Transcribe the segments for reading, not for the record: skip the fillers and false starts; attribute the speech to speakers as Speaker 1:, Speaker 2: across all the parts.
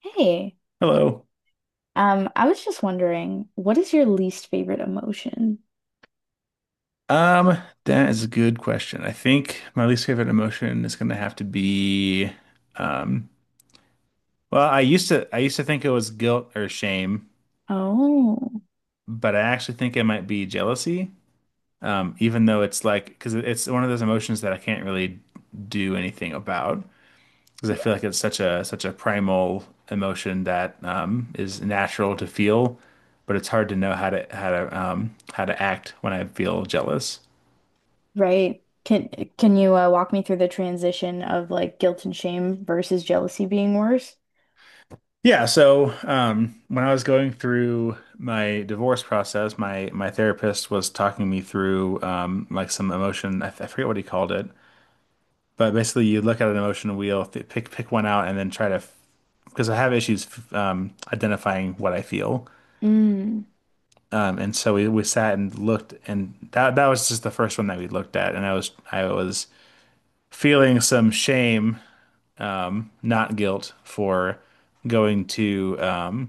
Speaker 1: Hey,
Speaker 2: Hello.
Speaker 1: I was just wondering, what is your least favorite emotion?
Speaker 2: Um, that is a good question. I think my least favorite emotion is going to have to be, um, well, I used to think it was guilt or shame,
Speaker 1: Oh,
Speaker 2: but I actually think it might be jealousy. Even though it's like because it's one of those emotions that I can't really do anything about because I
Speaker 1: yeah,
Speaker 2: feel like it's such a primal emotion that is natural to feel, but it's hard to know how to act when I feel jealous.
Speaker 1: right. Can you walk me through the transition of like guilt and shame versus jealousy being worse?
Speaker 2: Yeah, so when I was going through my divorce process, my therapist was talking me through like some emotion. I forget what he called it, but basically, you look at an emotion wheel, pick one out, and then try to because I have issues identifying what I feel.
Speaker 1: Mm,
Speaker 2: And so we sat and looked, and that was just the first one that we looked at, and I was feeling some shame, not guilt, for going to. Um,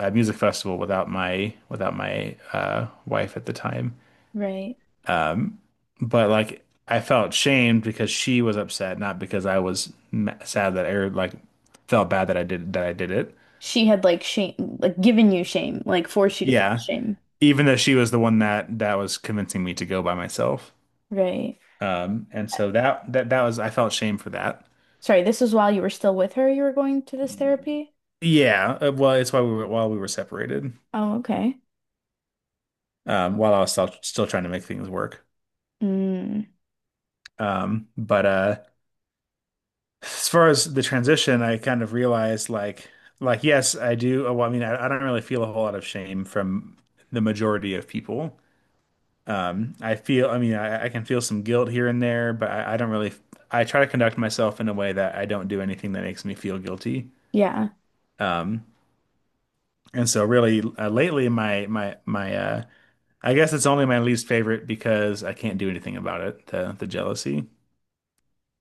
Speaker 2: uh, Music festival without my wife at the time.
Speaker 1: right.
Speaker 2: Um, but like I felt shamed because she was upset, not because I was sad that I or, like felt bad that I did it.
Speaker 1: She had like shame, like given you shame, like forced you to feel
Speaker 2: Yeah,
Speaker 1: shame.
Speaker 2: even though she was the one that was convincing me to go by myself.
Speaker 1: Right.
Speaker 2: And so that was I felt shame for that.
Speaker 1: Sorry, this was while you were still with her, you were going to this therapy?
Speaker 2: Yeah, well, it's why we were while we were separated,
Speaker 1: Oh, okay.
Speaker 2: while I was still trying to make things work.
Speaker 1: Mm,
Speaker 2: But As far as the transition, I kind of realized like yes, I do. Well, I mean, I don't really feel a whole lot of shame from the majority of people. I mean, I can feel some guilt here and there, but I don't really. I try to conduct myself in a way that I don't do anything that makes me feel guilty.
Speaker 1: yeah.
Speaker 2: Um, and so really, lately, my I guess it's only my least favorite because I can't do anything about it. The jealousy.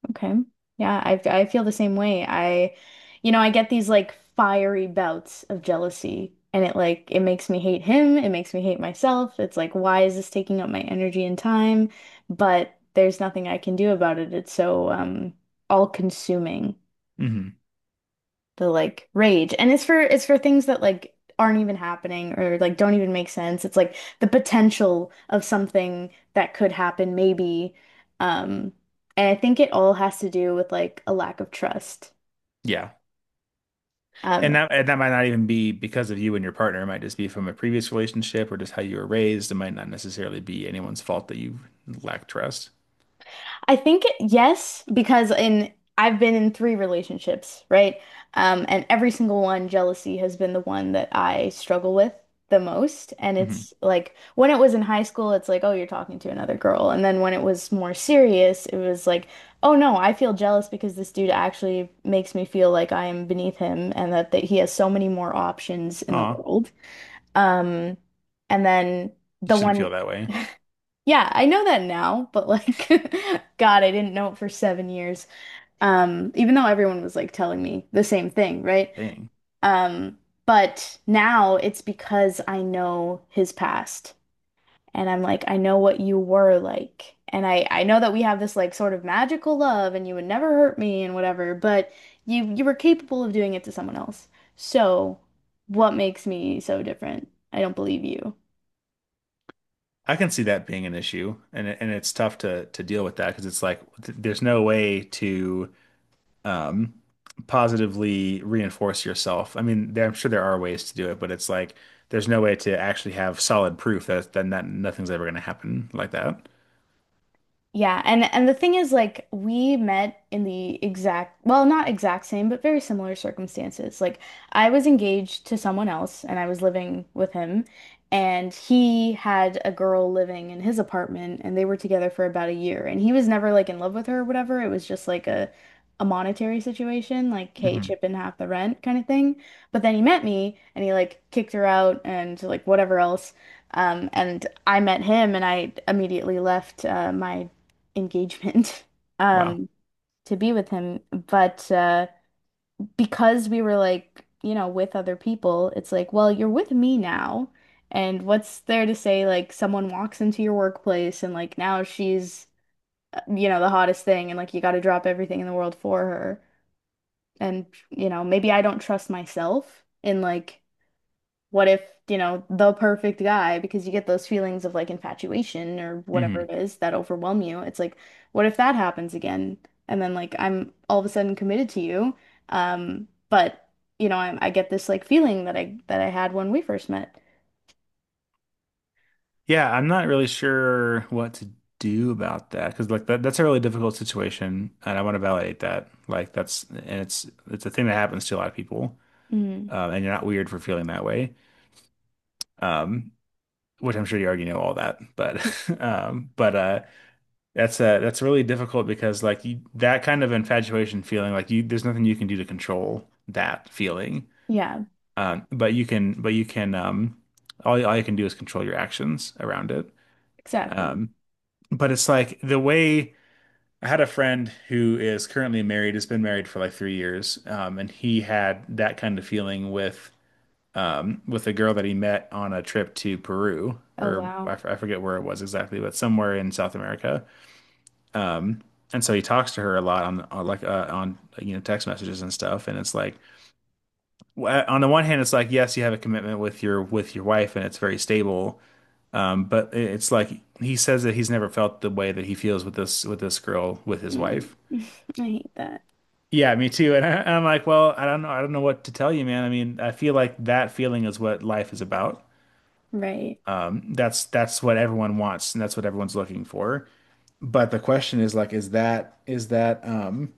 Speaker 1: Okay. Yeah, I feel the same way. I get these like fiery bouts of jealousy and it like it makes me hate him, it makes me hate myself. It's like, why is this taking up my energy and time? But there's nothing I can do about it. It's so all consuming
Speaker 2: hmm
Speaker 1: the like rage. And it's for things that like aren't even happening or like don't even make sense. It's like the potential of something that could happen maybe. Um and I think it all has to do with like a lack of trust.
Speaker 2: Yeah. And
Speaker 1: Um
Speaker 2: that and that might not even be because of you and your partner. It might just be from a previous relationship or just how you were raised. It might not necessarily be anyone's fault that you lack trust.
Speaker 1: I think yes, because in I've been in three relationships, right? And every single one, jealousy has been the one that I struggle with the most. And
Speaker 2: hmm
Speaker 1: it's like when it was in high school, it's like, oh, you're talking to another girl. And then when it was more serious, it was like, oh no, I feel jealous because this dude actually makes me feel like I am beneath him and that, that he has so many more options in the
Speaker 2: Aw,
Speaker 1: world. Um, and then
Speaker 2: you
Speaker 1: the
Speaker 2: shouldn't
Speaker 1: one
Speaker 2: feel that way.
Speaker 1: Yeah, I know that now, but like, God, I didn't know it for 7 years. Even though everyone was like telling me the same thing, right?
Speaker 2: Dang.
Speaker 1: Um, but now it's because I know his past, and I'm like, I know what you were like, and I know that we have this like sort of magical love, and you would never hurt me and whatever, but you were capable of doing it to someone else. So, what makes me so different? I don't believe you.
Speaker 2: I can see that being an issue, and and it's tough to deal with that because it's like th there's no way to um positively reinforce yourself. I mean, I'm sure there are ways to do it, but it's like there's no way to actually have solid proof that nothing's ever going to happen like that.
Speaker 1: Yeah, and the thing is like we met in the exact, well, not exact same, but very similar circumstances. Like I was engaged to someone else and I was living with him, and he had a girl living in his apartment, and they were together for about a year, and he was never like in love with her or whatever. It was just like a monetary situation, like hey,
Speaker 2: hmm
Speaker 1: chip in half the rent kind of thing. But then he met me and he like kicked her out and like whatever else. And I met him, and I immediately left my engagement
Speaker 2: Wow.
Speaker 1: um to be with him, but because we were like with other people. It's like, well, you're with me now, and what's there to say, like someone walks into your workplace and like now she's the hottest thing and like you got to drop everything in the world for her, and maybe I don't trust myself in like what if, the perfect guy, because you get those feelings of like infatuation or whatever
Speaker 2: Mhm.
Speaker 1: it is that overwhelm you. It's like, what if that happens again? And then like I'm all of a sudden committed to you. But I get this like feeling that I had when we first met.
Speaker 2: Yeah, I'm not really sure what to do about that because like that's a really difficult situation, and I want to validate that. Like that's and it's a thing that happens to a lot of people,
Speaker 1: Mm.
Speaker 2: and you're not weird for feeling that way, um, which I'm sure you already know all that. But but that's really difficult because like you, that kind of infatuation feeling, like you there's nothing you can do to control that feeling,
Speaker 1: Yeah,
Speaker 2: but you can all you can do is control your actions around it.
Speaker 1: exactly.
Speaker 2: Um, But it's like the way I had a friend who is currently married, has been married for like 3 years, and he had that kind of feeling with a girl that he met on a trip to Peru,
Speaker 1: Oh
Speaker 2: or
Speaker 1: wow.
Speaker 2: I forget where it was exactly, but somewhere in South America. And so he talks to her a lot on like on text messages and stuff. And it's like on the one hand, it's like yes, you have a commitment with your wife, and it's very stable. But it's like he says that he's never felt the way that he feels with this girl with his
Speaker 1: Mm.
Speaker 2: wife.
Speaker 1: I hate that.
Speaker 2: Yeah, me too. And I'm like, well, I don't know what to tell you, man. I mean, I feel like that feeling is what life is about.
Speaker 1: Right.
Speaker 2: That's what everyone wants, and that's what everyone's looking for. But the question is like, is that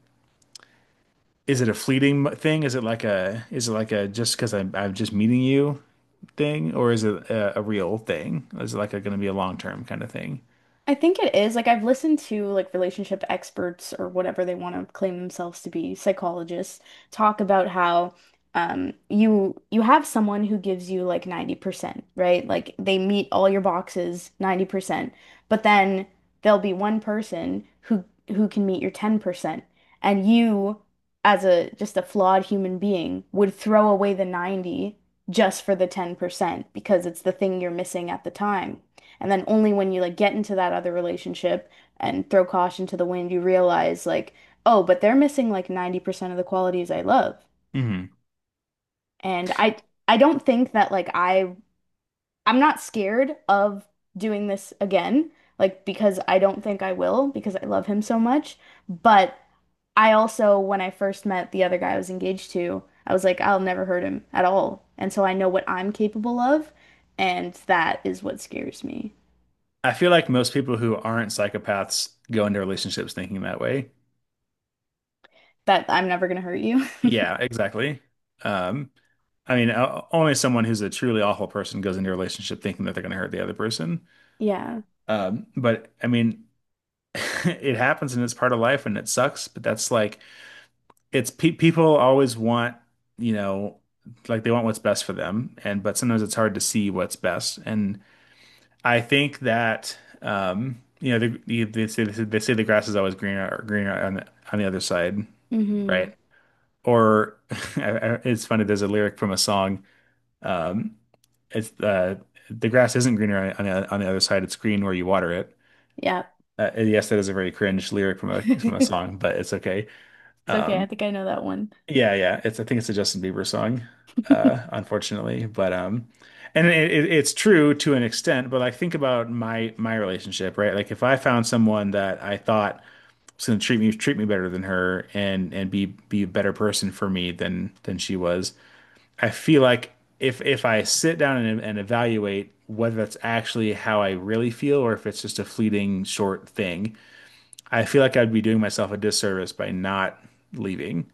Speaker 2: is it a fleeting thing? Is it like a is it like a just because I'm just meeting you thing, or is it a real thing? Is it like a going to be a long term kind of thing?
Speaker 1: I think it is. Like I've listened to like relationship experts or whatever they want to claim themselves to be, psychologists, talk about how you have someone who gives you like 90%, right? Like they meet all your boxes 90%, but then there'll be one person who can meet your 10%. And you as a just a flawed human being would throw away the 90 just for the 10% because it's the thing you're missing at the time. And then only when you like get into that other relationship and throw caution to the wind, you realize like, oh, but they're missing like 90% of the qualities I love.
Speaker 2: hmm
Speaker 1: And I don't think that I'm not scared of doing this again, like because I don't think I will because I love him so much. But I also, when I first met the other guy I was engaged to, I was like, I'll never hurt him at all. And so I know what I'm capable of, and that is what scares me.
Speaker 2: I feel like most people who aren't psychopaths go into relationships thinking that way.
Speaker 1: That I'm never gonna hurt you.
Speaker 2: Yeah, exactly. Um, I mean, only someone who's a truly awful person goes into a relationship thinking that they're going to hurt the other person.
Speaker 1: Yeah.
Speaker 2: Um, but I mean, it happens and it's part of life and it sucks, but that's like, it's pe people always want, you know, like they want what's best for them. And, but sometimes it's hard to see what's best. And I think that, you know, they say the grass is always greener, greener on on the other side,
Speaker 1: Mm-hmm.
Speaker 2: right? Or it's funny, there's a lyric from a song. Um, it's The grass isn't greener on on the other side. It's green where you water it.
Speaker 1: Yeah.
Speaker 2: And yes, that is a very cringe lyric from a song, but it's okay.
Speaker 1: It's okay. I
Speaker 2: Um,
Speaker 1: think I know that one.
Speaker 2: yeah. It's I think it's a Justin Bieber song, unfortunately. But and it's true to an extent. But like think about my relationship, right? Like if I found someone that I thought was going to treat me better than her and and be a better person for me than she was I feel like if I sit down and evaluate whether that's actually how I really feel or if it's just a fleeting short thing, I feel like I'd be doing myself a disservice by not leaving.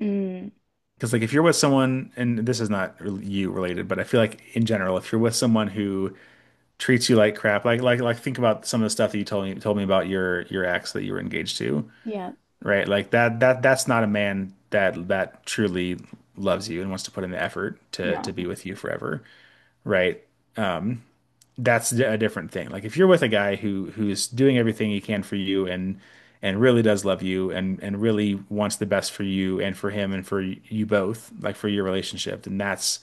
Speaker 1: Mm.
Speaker 2: Because like if you're with someone, and this is not you related, but I feel like in general, if you're with someone who treats you like crap, like think about some of the stuff that you told me about your ex that you were engaged to,
Speaker 1: Yeah.
Speaker 2: right? Like that's not a man that truly loves you and wants to put in the effort to
Speaker 1: No.
Speaker 2: be with you forever, right? That's a different thing. Like if you're with a guy who's doing everything he can for you and really does love you and really wants the best for you and for him and for you both, like for your relationship, then that's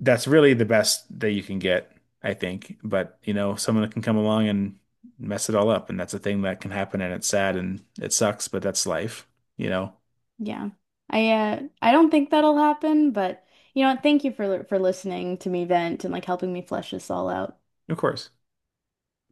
Speaker 2: that's really the best that you can get, I think. But you know, someone can come along and mess it all up, and that's a thing that can happen, and it's sad and it sucks, but that's life, you know.
Speaker 1: Yeah. I don't think that'll happen, but you know what? Thank you for listening to me vent and like helping me flesh this all out.
Speaker 2: Of course.